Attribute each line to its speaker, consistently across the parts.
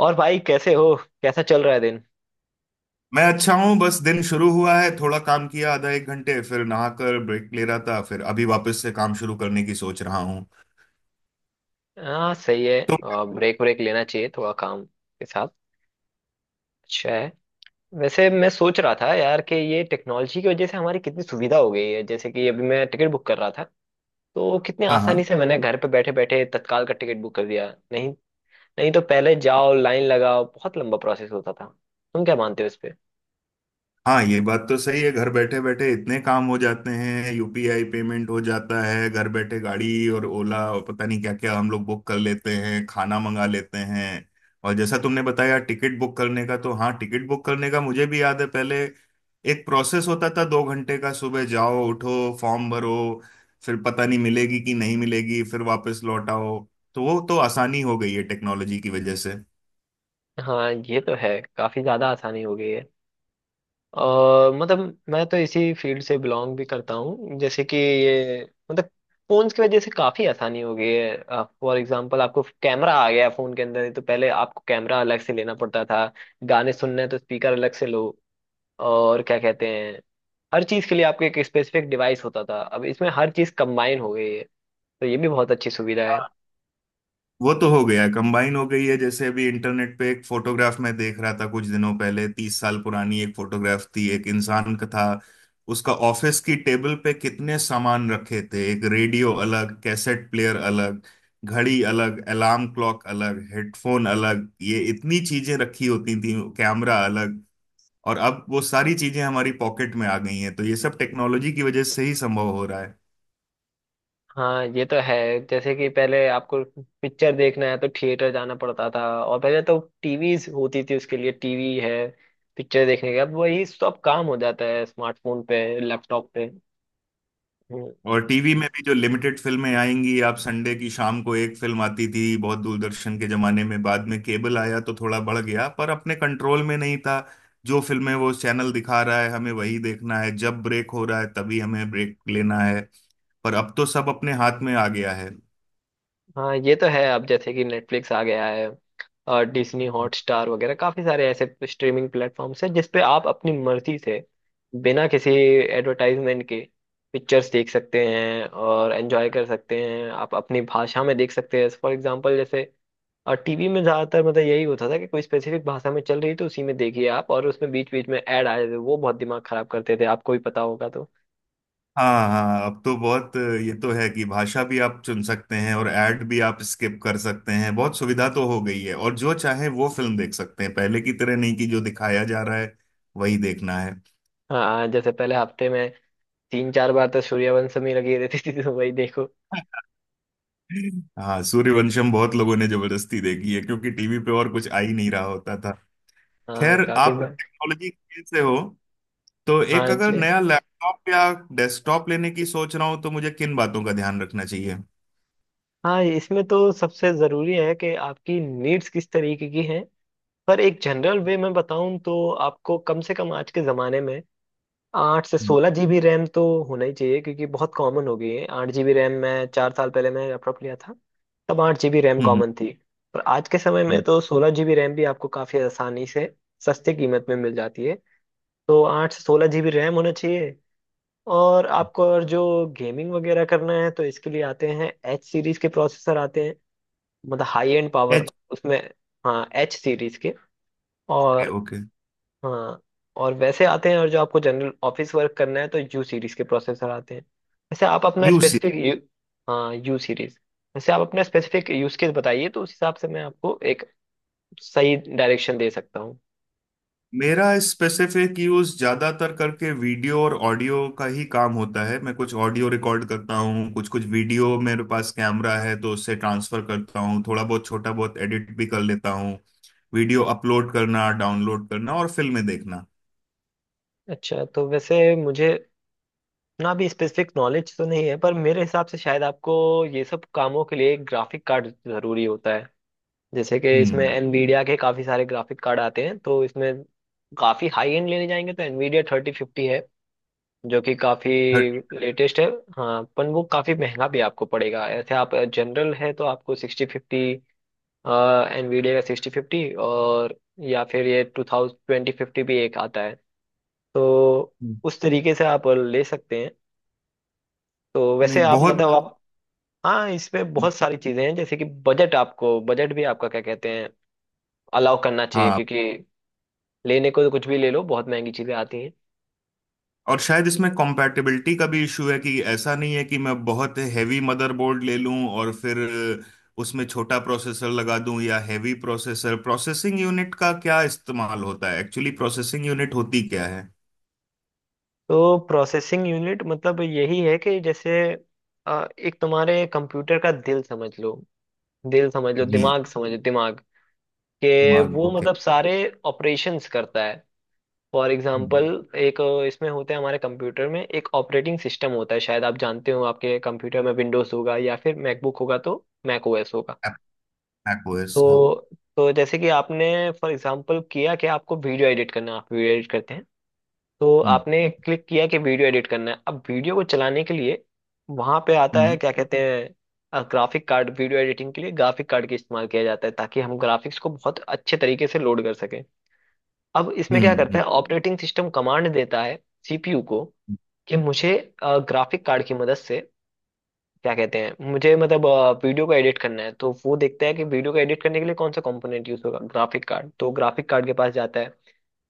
Speaker 1: और भाई, कैसे हो? कैसा चल रहा है दिन?
Speaker 2: मैं अच्छा हूँ। बस दिन शुरू हुआ है, थोड़ा काम किया आधा एक घंटे, फिर नहाकर ब्रेक ले रहा था, फिर अभी वापस से काम शुरू करने की सोच रहा हूँ।
Speaker 1: हाँ, सही है।
Speaker 2: तुम?
Speaker 1: ब्रेक ब्रेक लेना चाहिए, थोड़ा काम के साथ। अच्छा है। वैसे मैं सोच रहा था यार कि ये टेक्नोलॉजी की वजह से हमारी कितनी सुविधा हो गई है, जैसे कि अभी मैं टिकट बुक कर रहा था, तो कितने
Speaker 2: हाँ,
Speaker 1: आसानी
Speaker 2: हाँ।
Speaker 1: से मैंने घर पे बैठे बैठे तत्काल का टिकट बुक कर दिया। नहीं? नहीं तो पहले जाओ, लाइन लगाओ, बहुत लंबा प्रोसेस होता था। तुम क्या मानते हो इस पे?
Speaker 2: हाँ, ये बात तो सही है। घर बैठे बैठे इतने काम हो जाते हैं, यूपीआई पेमेंट हो जाता है, घर बैठे गाड़ी और ओला और पता नहीं क्या क्या हम लोग बुक कर लेते हैं, खाना मंगा लेते हैं। और जैसा तुमने बताया टिकट बुक करने का, तो हाँ, टिकट बुक करने का मुझे भी याद है। पहले एक प्रोसेस होता था दो घंटे का, सुबह जाओ, उठो, फॉर्म भरो, फिर पता नहीं मिलेगी कि नहीं मिलेगी, फिर वापस लौट आओ। तो वो तो आसानी हो गई है टेक्नोलॉजी की वजह से।
Speaker 1: हाँ, ये तो है, काफी ज्यादा आसानी हो गई है। और मतलब मैं तो इसी फील्ड से बिलोंग भी करता हूँ, जैसे कि ये मतलब फोन्स की वजह से काफी आसानी हो गई है। फॉर एग्जांपल, आपको कैमरा आ गया है फोन के अंदर, तो पहले आपको कैमरा अलग से लेना पड़ता था, गाने सुनने हैं तो स्पीकर अलग से लो, और क्या कहते हैं, हर चीज के लिए आपको एक स्पेसिफिक डिवाइस होता था। अब इसमें हर चीज कंबाइन हो गई है, तो ये भी बहुत अच्छी सुविधा है।
Speaker 2: वो तो हो गया, कंबाइन हो गई है। जैसे अभी इंटरनेट पे एक फोटोग्राफ मैं देख रहा था कुछ दिनों पहले, 30 साल पुरानी एक फोटोग्राफ थी, एक इंसान का था। उसका ऑफिस की टेबल पे कितने सामान रखे थे, एक रेडियो अलग, कैसेट प्लेयर अलग, घड़ी अलग, अलार्म क्लॉक अलग, हेडफोन अलग, ये इतनी चीजें रखी होती थी, कैमरा अलग। और अब वो सारी चीजें हमारी पॉकेट में आ गई हैं, तो ये सब टेक्नोलॉजी की वजह से ही संभव हो रहा है।
Speaker 1: हाँ, ये तो है। जैसे कि पहले आपको पिक्चर देखना है तो थिएटर जाना पड़ता था, और पहले तो टीवीज होती थी उसके लिए, टीवी है पिक्चर देखने के, अब वही सब काम हो जाता है स्मार्टफोन पे, लैपटॉप पे। हम्म।
Speaker 2: और टीवी में भी जो लिमिटेड फिल्में आएंगी, आप संडे की शाम को एक फिल्म आती थी बहुत, दूरदर्शन के जमाने में। बाद में केबल आया तो थोड़ा बढ़ गया, पर अपने कंट्रोल में नहीं था। जो फिल्में वो चैनल दिखा रहा है हमें वही देखना है, जब ब्रेक हो रहा है तभी हमें ब्रेक लेना है। पर अब तो सब अपने हाथ में आ गया है।
Speaker 1: हाँ, ये तो है। अब जैसे कि नेटफ्लिक्स आ गया है और डिज्नी हॉटस्टार वगैरह, काफी सारे ऐसे स्ट्रीमिंग प्लेटफॉर्म्स हैं जिसपे आप अपनी मर्जी से, बिना किसी एडवर्टाइजमेंट के, पिक्चर्स देख सकते हैं और एंजॉय कर सकते हैं। आप अपनी भाषा में देख सकते हैं, फॉर एग्जांपल जैसे। और टीवी में ज्यादातर मतलब यही होता था कि कोई स्पेसिफिक भाषा में चल रही तो उसी में देखिए आप, और उसमें बीच बीच में ऐड आए थे वो बहुत दिमाग खराब करते थे, आपको भी पता होगा तो।
Speaker 2: हाँ, हाँ, अब तो बहुत। ये तो है कि भाषा भी आप चुन सकते हैं और एड भी आप स्किप कर सकते हैं, बहुत सुविधा तो हो गई है, और जो चाहे वो फिल्म देख सकते हैं, पहले की तरह नहीं कि जो दिखाया जा रहा है वही देखना है।
Speaker 1: हाँ, जैसे पहले हफ्ते में तीन चार बार तो सूर्यवंशम ही लगी रहती थी, तो वही देखो।
Speaker 2: हाँ, सूर्यवंशम बहुत लोगों ने जबरदस्ती देखी है क्योंकि टीवी पे और कुछ आ ही नहीं रहा होता था।
Speaker 1: हाँ,
Speaker 2: खैर,
Speaker 1: काफी
Speaker 2: आप
Speaker 1: बार।
Speaker 2: टेक्नोलॉजी से हो तो एक
Speaker 1: हाँ
Speaker 2: अगर
Speaker 1: जी।
Speaker 2: नया लैपटॉप या डेस्कटॉप लेने की सोच रहा हूँ तो मुझे किन बातों का ध्यान रखना चाहिए?
Speaker 1: हाँ, इसमें तो सबसे जरूरी है कि आपकी नीड्स किस तरीके की हैं। पर एक जनरल वे में बताऊं तो आपको कम से कम आज के जमाने में आठ से
Speaker 2: हम्म।
Speaker 1: सोलह जीबी रैम तो होना ही चाहिए, क्योंकि बहुत कॉमन हो गई है 8 जीबी रैम। मैं 4 साल पहले मैं लैपटॉप लिया था, तब 8 जीबी रैम
Speaker 2: हम्म।
Speaker 1: कॉमन थी। पर आज के समय में तो 16 जीबी रैम भी आपको काफी आसानी से सस्ते कीमत में मिल जाती है। तो 8 से 16 जीबी रैम होना चाहिए। और आपको, और जो गेमिंग वगैरह करना है तो इसके लिए आते हैं एच सीरीज के प्रोसेसर आते हैं, मतलब हाई एंड पावर
Speaker 2: एच?
Speaker 1: उसमें। हाँ, एच सीरीज के।
Speaker 2: ओके,
Speaker 1: और
Speaker 2: ओके।
Speaker 1: हाँ। और वैसे आते हैं, और जो आपको जनरल ऑफिस वर्क करना है तो यू सीरीज के प्रोसेसर आते हैं। वैसे आप अपना स्पेसिफिक यू, हाँ, यू सीरीज। वैसे आप अपना स्पेसिफिक यूज केस बताइए, तो उस हिसाब से मैं आपको एक सही डायरेक्शन दे सकता हूँ।
Speaker 2: मेरा स्पेसिफिक यूज ज्यादातर करके वीडियो और ऑडियो का ही काम होता है। मैं कुछ ऑडियो रिकॉर्ड करता हूँ, कुछ कुछ वीडियो, मेरे पास कैमरा है तो उससे ट्रांसफर करता हूँ, थोड़ा बहुत छोटा बहुत एडिट भी कर लेता हूँ, वीडियो अपलोड करना, डाउनलोड करना और फिल्में देखना।
Speaker 1: अच्छा, तो वैसे मुझे ना भी स्पेसिफिक नॉलेज तो नहीं है, पर मेरे हिसाब से शायद आपको ये सब कामों के लिए एक ग्राफिक कार्ड जरूरी होता है। जैसे कि इसमें
Speaker 2: हम्म।
Speaker 1: एनवीडिया के काफी सारे ग्राफिक कार्ड आते हैं, तो इसमें काफी हाई एंड लेने जाएंगे तो एनवीडिया 3050 है, जो कि काफी
Speaker 2: थर्टी?
Speaker 1: लेटेस्ट है। हाँ, पर वो काफी महंगा भी आपको पड़ेगा। ऐसे आप जनरल है तो आपको 1650, एनवीडिया का 1650, और या फिर ये 2050 भी एक आता है, तो उस तरीके से आप ले सकते हैं। तो
Speaker 2: नहीं,
Speaker 1: वैसे आप
Speaker 2: बहुत।
Speaker 1: मतलब आप, हाँ, इसमें बहुत सारी चीजें हैं, जैसे कि बजट। आपको बजट भी आपका, क्या कहते हैं, अलाउ करना चाहिए,
Speaker 2: हाँ।
Speaker 1: क्योंकि लेने को तो कुछ भी ले लो, बहुत महंगी चीजें आती हैं।
Speaker 2: और शायद इसमें कॉम्पैटिबिलिटी का भी इशू है कि ऐसा नहीं है कि मैं बहुत हैवी मदरबोर्ड ले लूं और फिर उसमें छोटा प्रोसेसर लगा दूं, या हैवी प्रोसेसर। प्रोसेसिंग यूनिट का क्या इस्तेमाल होता है? एक्चुअली प्रोसेसिंग यूनिट होती क्या है?
Speaker 1: तो प्रोसेसिंग यूनिट मतलब यही है कि जैसे एक तुम्हारे कंप्यूटर का दिल समझ लो, दिल समझ लो,
Speaker 2: जी।
Speaker 1: दिमाग समझ लो, दिमाग के
Speaker 2: दिमाग,
Speaker 1: वो
Speaker 2: ओके।
Speaker 1: मतलब सारे ऑपरेशंस करता है। फॉर एग्जांपल, एक इसमें होता है हमारे कंप्यूटर में एक ऑपरेटिंग सिस्टम होता है। शायद आप जानते हो, आपके कंप्यूटर में विंडोज होगा या फिर मैकबुक होगा तो मैक ओएस होगा।
Speaker 2: macOS, हाँ।
Speaker 1: तो तो जैसे कि आपने फॉर एग्जांपल किया कि आपको वीडियो एडिट करना, आप वीडियो एडिट करते हैं, तो
Speaker 2: हम्म।
Speaker 1: आपने क्लिक किया कि वीडियो एडिट करना है। अब वीडियो को चलाने के लिए वहां पे आता है,
Speaker 2: हम्म।
Speaker 1: क्या कहते हैं, ग्राफिक कार्ड। वीडियो एडिटिंग के लिए ग्राफिक कार्ड का इस्तेमाल किया जाता है, ताकि हम ग्राफिक्स को बहुत अच्छे तरीके से लोड कर सकें। अब इसमें क्या करते
Speaker 2: हम्म।
Speaker 1: हैं, ऑपरेटिंग सिस्टम कमांड देता है सीपीयू को, कि मुझे ग्राफिक कार्ड की मदद से, क्या कहते हैं, मुझे मतलब वीडियो को एडिट करना है। तो वो देखता है कि वीडियो को एडिट करने के लिए कौन सा कंपोनेंट यूज होगा, ग्राफिक कार्ड, तो ग्राफिक कार्ड के पास जाता है।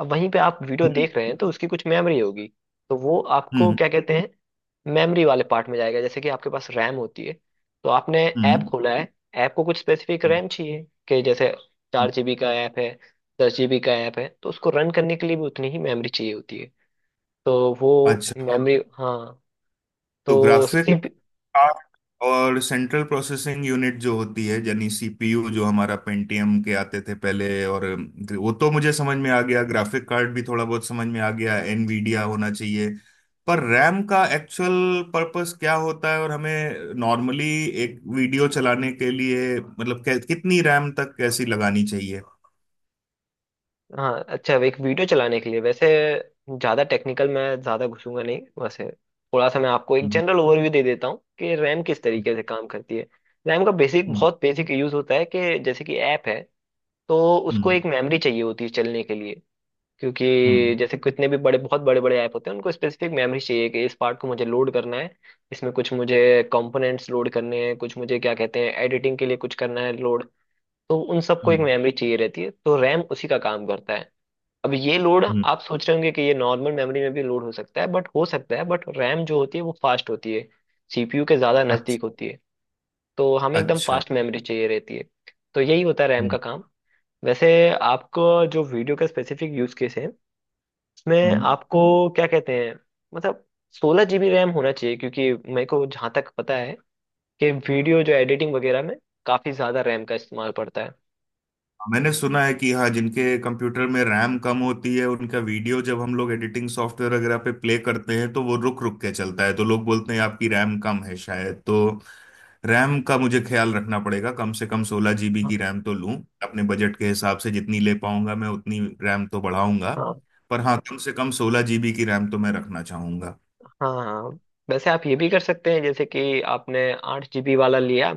Speaker 1: अब वहीं पे आप वीडियो
Speaker 2: हम्म।
Speaker 1: देख रहे हैं तो उसकी कुछ मेमोरी होगी, तो वो आपको,
Speaker 2: हम्म।
Speaker 1: क्या कहते हैं, मेमोरी वाले पार्ट में जाएगा, जैसे कि आपके पास रैम होती है। तो आपने ऐप
Speaker 2: हम्म,
Speaker 1: खोला है, ऐप को कुछ स्पेसिफिक
Speaker 2: हम्म,
Speaker 1: रैम चाहिए, कि जैसे
Speaker 2: हम्म।
Speaker 1: 4 जीबी का ऐप है, 10 जीबी का ऐप है, तो उसको रन करने के लिए भी उतनी ही मेमोरी चाहिए होती है। तो वो
Speaker 2: अच्छा,
Speaker 1: मेमोरी, हाँ।
Speaker 2: तो
Speaker 1: तो
Speaker 2: ग्राफिक कार्ड और सेंट्रल प्रोसेसिंग यूनिट जो होती है, यानी सीपीयू, जो हमारा पेंटियम के आते थे पहले। और वो तो मुझे समझ में आ गया, ग्राफिक कार्ड भी थोड़ा बहुत समझ में आ गया, एनवीडिया होना चाहिए। पर रैम का एक्चुअल पर्पस क्या होता है, और हमें नॉर्मली एक वीडियो चलाने के लिए मतलब कितनी रैम तक कैसी लगानी चाहिए?
Speaker 1: हाँ, अच्छा, एक वीडियो चलाने के लिए वैसे ज़्यादा टेक्निकल मैं ज़्यादा घुसूंगा नहीं। वैसे थोड़ा सा मैं आपको एक
Speaker 2: हम्म।
Speaker 1: जनरल ओवरव्यू दे देता हूँ कि रैम किस तरीके से काम करती है। रैम का बेसिक
Speaker 2: हम्म।
Speaker 1: बहुत बेसिक यूज़ होता है, कि जैसे कि ऐप है, तो उसको
Speaker 2: हम्म।
Speaker 1: एक मेमोरी चाहिए होती है चलने के लिए।
Speaker 2: हम्म।
Speaker 1: क्योंकि जैसे कितने भी बड़े, बहुत बड़े बड़े ऐप होते हैं, उनको स्पेसिफिक मेमोरी चाहिए कि इस पार्ट को मुझे लोड करना है, इसमें कुछ मुझे कंपोनेंट्स लोड करने हैं, कुछ मुझे, क्या कहते हैं, एडिटिंग के लिए कुछ करना है लोड, तो उन सबको एक
Speaker 2: हम्म,
Speaker 1: मेमोरी चाहिए रहती है, तो रैम उसी का काम करता है। अब ये लोड
Speaker 2: हम्म,
Speaker 1: आप सोच रहे होंगे कि ये नॉर्मल मेमोरी में भी लोड हो सकता है, बट हो सकता है, बट रैम जो होती है वो फास्ट होती है, सीपीयू के ज़्यादा नज़दीक
Speaker 2: अच्छा,
Speaker 1: होती है। तो हमें एकदम
Speaker 2: अच्छा।
Speaker 1: फास्ट मेमोरी चाहिए रहती है। तो यही होता है रैम का
Speaker 2: हम्म।
Speaker 1: काम। वैसे आपको जो वीडियो का स्पेसिफिक यूज़ केस है, उसमें
Speaker 2: हम्म।
Speaker 1: आपको, क्या कहते हैं, मतलब 16 जीबी रैम होना चाहिए, क्योंकि मेरे को जहाँ तक पता है कि वीडियो जो एडिटिंग वगैरह में काफ़ी ज़्यादा रैम का इस्तेमाल पड़ता है।
Speaker 2: मैंने सुना है कि, हाँ, जिनके कंप्यूटर में रैम कम होती है उनका वीडियो जब हम लोग एडिटिंग सॉफ्टवेयर वगैरह पे प्ले करते हैं तो वो रुक रुक के चलता है, तो लोग बोलते हैं आपकी रैम कम है शायद। तो रैम का मुझे ख्याल रखना पड़ेगा, कम से कम 16 जीबी की रैम तो लूं। अपने बजट के हिसाब से जितनी ले पाऊंगा मैं उतनी रैम तो बढ़ाऊंगा।
Speaker 1: हाँ,
Speaker 2: पर हाँ, कम से कम सोलह जीबी की रैम तो मैं रखना चाहूंगा।
Speaker 1: हाँ, हाँ। वैसे आप ये भी कर सकते हैं, जैसे कि आपने 8 जीबी वाला लिया,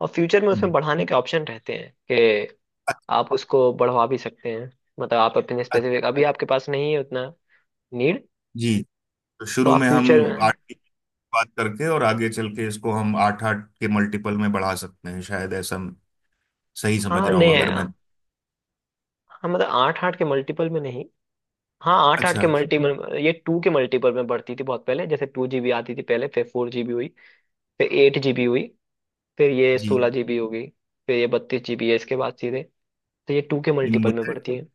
Speaker 1: और फ्यूचर में
Speaker 2: हम्म।
Speaker 1: उसमें बढ़ाने के ऑप्शन रहते हैं, कि
Speaker 2: अच्छा,
Speaker 1: आप उसको बढ़वा भी सकते हैं। मतलब आप अपने
Speaker 2: अच्छा,
Speaker 1: स्पेसिफिक अभी आपके पास नहीं है उतना नीड,
Speaker 2: जी। तो
Speaker 1: तो
Speaker 2: शुरू
Speaker 1: आप
Speaker 2: में
Speaker 1: फ्यूचर
Speaker 2: हम
Speaker 1: में।
Speaker 2: आठ की बात करके और आगे चल के इसको हम आठ आठ के मल्टीपल में बढ़ा सकते हैं शायद, ऐसा सही समझ
Speaker 1: हाँ,
Speaker 2: रहा हूँ
Speaker 1: नहीं है।
Speaker 2: अगर मैं?
Speaker 1: हाँ, मतलब आठ आठ के मल्टीपल में नहीं। हाँ, आठ आठ
Speaker 2: अच्छा,
Speaker 1: के मल्टीपल, ये टू के मल्टीपल में बढ़ती थी बहुत पहले। जैसे 2 जीबी आती थी पहले, फिर 4 जीबी हुई, फिर 8 जीबी हुई, फिर ये
Speaker 2: जी।
Speaker 1: 16 जीबी हो गई, फिर ये 32 जीबी है। इसके बाद सीधे, तो ये टू के मल्टीपल में
Speaker 2: मुझे
Speaker 1: बढ़ती है।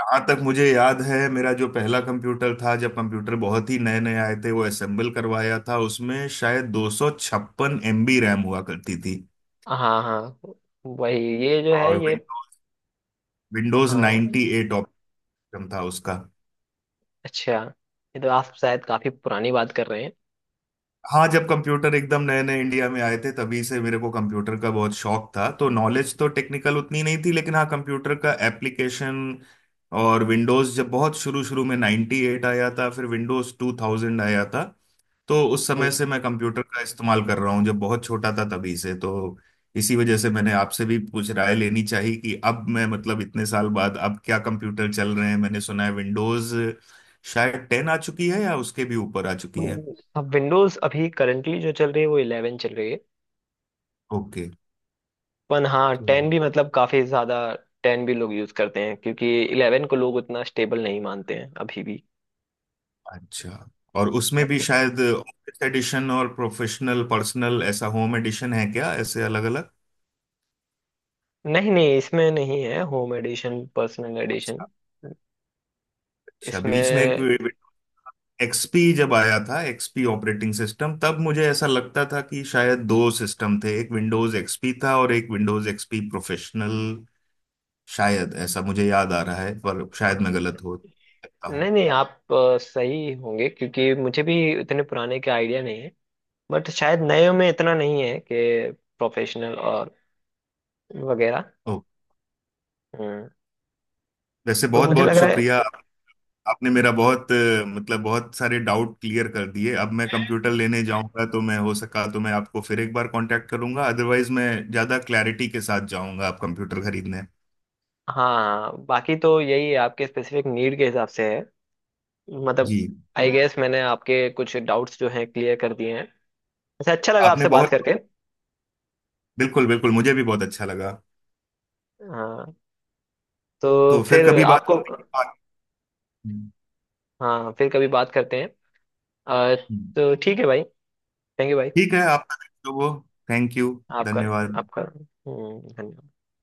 Speaker 2: जहाँ तक मुझे याद है, मेरा जो पहला कंप्यूटर था जब कंप्यूटर बहुत ही नए नए आए थे, वो असेंबल करवाया था, उसमें शायद 256 एमबी रैम हुआ करती थी।
Speaker 1: हाँ, हाँ, वही ये जो है
Speaker 2: और
Speaker 1: ये।
Speaker 2: विंडोज विंडोज
Speaker 1: हाँ,
Speaker 2: 98 ऑपरेटिंग सिस्टम था उसका।
Speaker 1: अच्छा, ये तो आप शायद काफी पुरानी बात कर रहे हैं।
Speaker 2: हाँ, जब कंप्यूटर एकदम नए नए इंडिया में आए थे तभी से मेरे को कंप्यूटर का बहुत शौक था, तो नॉलेज तो टेक्निकल उतनी नहीं थी, लेकिन हाँ, कंप्यूटर का एप्लीकेशन। और विंडोज जब बहुत शुरू शुरू में 98 आया था, फिर विंडोज 2000 आया था, तो उस समय से मैं कंप्यूटर का इस्तेमाल कर रहा हूँ, जब बहुत छोटा था तभी से। तो इसी वजह से मैंने आपसे भी कुछ राय लेनी चाहिए कि अब मैं मतलब इतने साल बाद अब क्या कंप्यूटर चल रहे हैं। मैंने सुना है विंडोज शायद 10 आ चुकी है या उसके भी ऊपर आ चुकी है।
Speaker 1: अब विंडोज अभी करंटली जो चल रही है वो 11 चल रही है।
Speaker 2: ओके।
Speaker 1: पर हाँ, 10 भी मतलब काफी ज्यादा, 10 भी लोग यूज करते हैं, क्योंकि 11 को लोग उतना स्टेबल नहीं मानते हैं अभी भी।
Speaker 2: अच्छा, और उसमें भी शायद ऑफिस एडिशन और प्रोफेशनल पर्सनल, ऐसा होम एडिशन है क्या, ऐसे अलग अलग?
Speaker 1: नहीं नहीं, इसमें नहीं है, होम एडिशन पर्सनल एडिशन
Speaker 2: अच्छा, अच्छा, बीच में
Speaker 1: इसमें।
Speaker 2: एक एक्सपी जब आया था, एक्सपी ऑपरेटिंग सिस्टम, तब मुझे ऐसा लगता था कि शायद दो सिस्टम थे, एक विंडोज एक्सपी था और एक विंडोज एक्सपी प्रोफेशनल। शायद ऐसा मुझे याद आ रहा है, पर शायद मैं गलत हो सकता
Speaker 1: नहीं
Speaker 2: हूँ।
Speaker 1: नहीं, आप सही होंगे, क्योंकि मुझे भी इतने पुराने का आइडिया नहीं है, बट शायद नए में इतना नहीं है कि प्रोफेशनल और वगैरह।
Speaker 2: ओ,
Speaker 1: हम्म
Speaker 2: वैसे
Speaker 1: तो
Speaker 2: बहुत
Speaker 1: मुझे अच्छा
Speaker 2: बहुत
Speaker 1: लग रहा
Speaker 2: शुक्रिया।
Speaker 1: है
Speaker 2: आपने मेरा
Speaker 1: बहुत।
Speaker 2: मतलब बहुत सारे डाउट क्लियर कर दिए। अब मैं कंप्यूटर लेने जाऊंगा तो मैं, हो सका तो, मैं आपको फिर एक बार कांटेक्ट करूंगा, अदरवाइज मैं ज्यादा क्लैरिटी के साथ जाऊंगा आप कंप्यूटर खरीदने।
Speaker 1: हाँ, बाकी तो यही है, आपके स्पेसिफिक नीड के हिसाब से है, मतलब
Speaker 2: जी।
Speaker 1: आई हाँ गेस मैंने आपके कुछ डाउट्स जो हैं क्लियर कर दिए हैं। अच्छा, अच्छा लगा
Speaker 2: आपने
Speaker 1: आपसे बात
Speaker 2: बहुत
Speaker 1: करके।
Speaker 2: बिल्कुल बिल्कुल मुझे भी बहुत अच्छा लगा।
Speaker 1: हाँ, तो
Speaker 2: तो फिर
Speaker 1: फिर ओके
Speaker 2: कभी बात
Speaker 1: आपको।
Speaker 2: करेंगे।
Speaker 1: हाँ, फिर कभी बात करते हैं। अ, तो ठीक है भाई। थैंक यू भाई।
Speaker 2: ठीक है, आपका जो वो, थैंक यू,
Speaker 1: आपका।
Speaker 2: धन्यवाद।
Speaker 1: आपका धन्यवाद।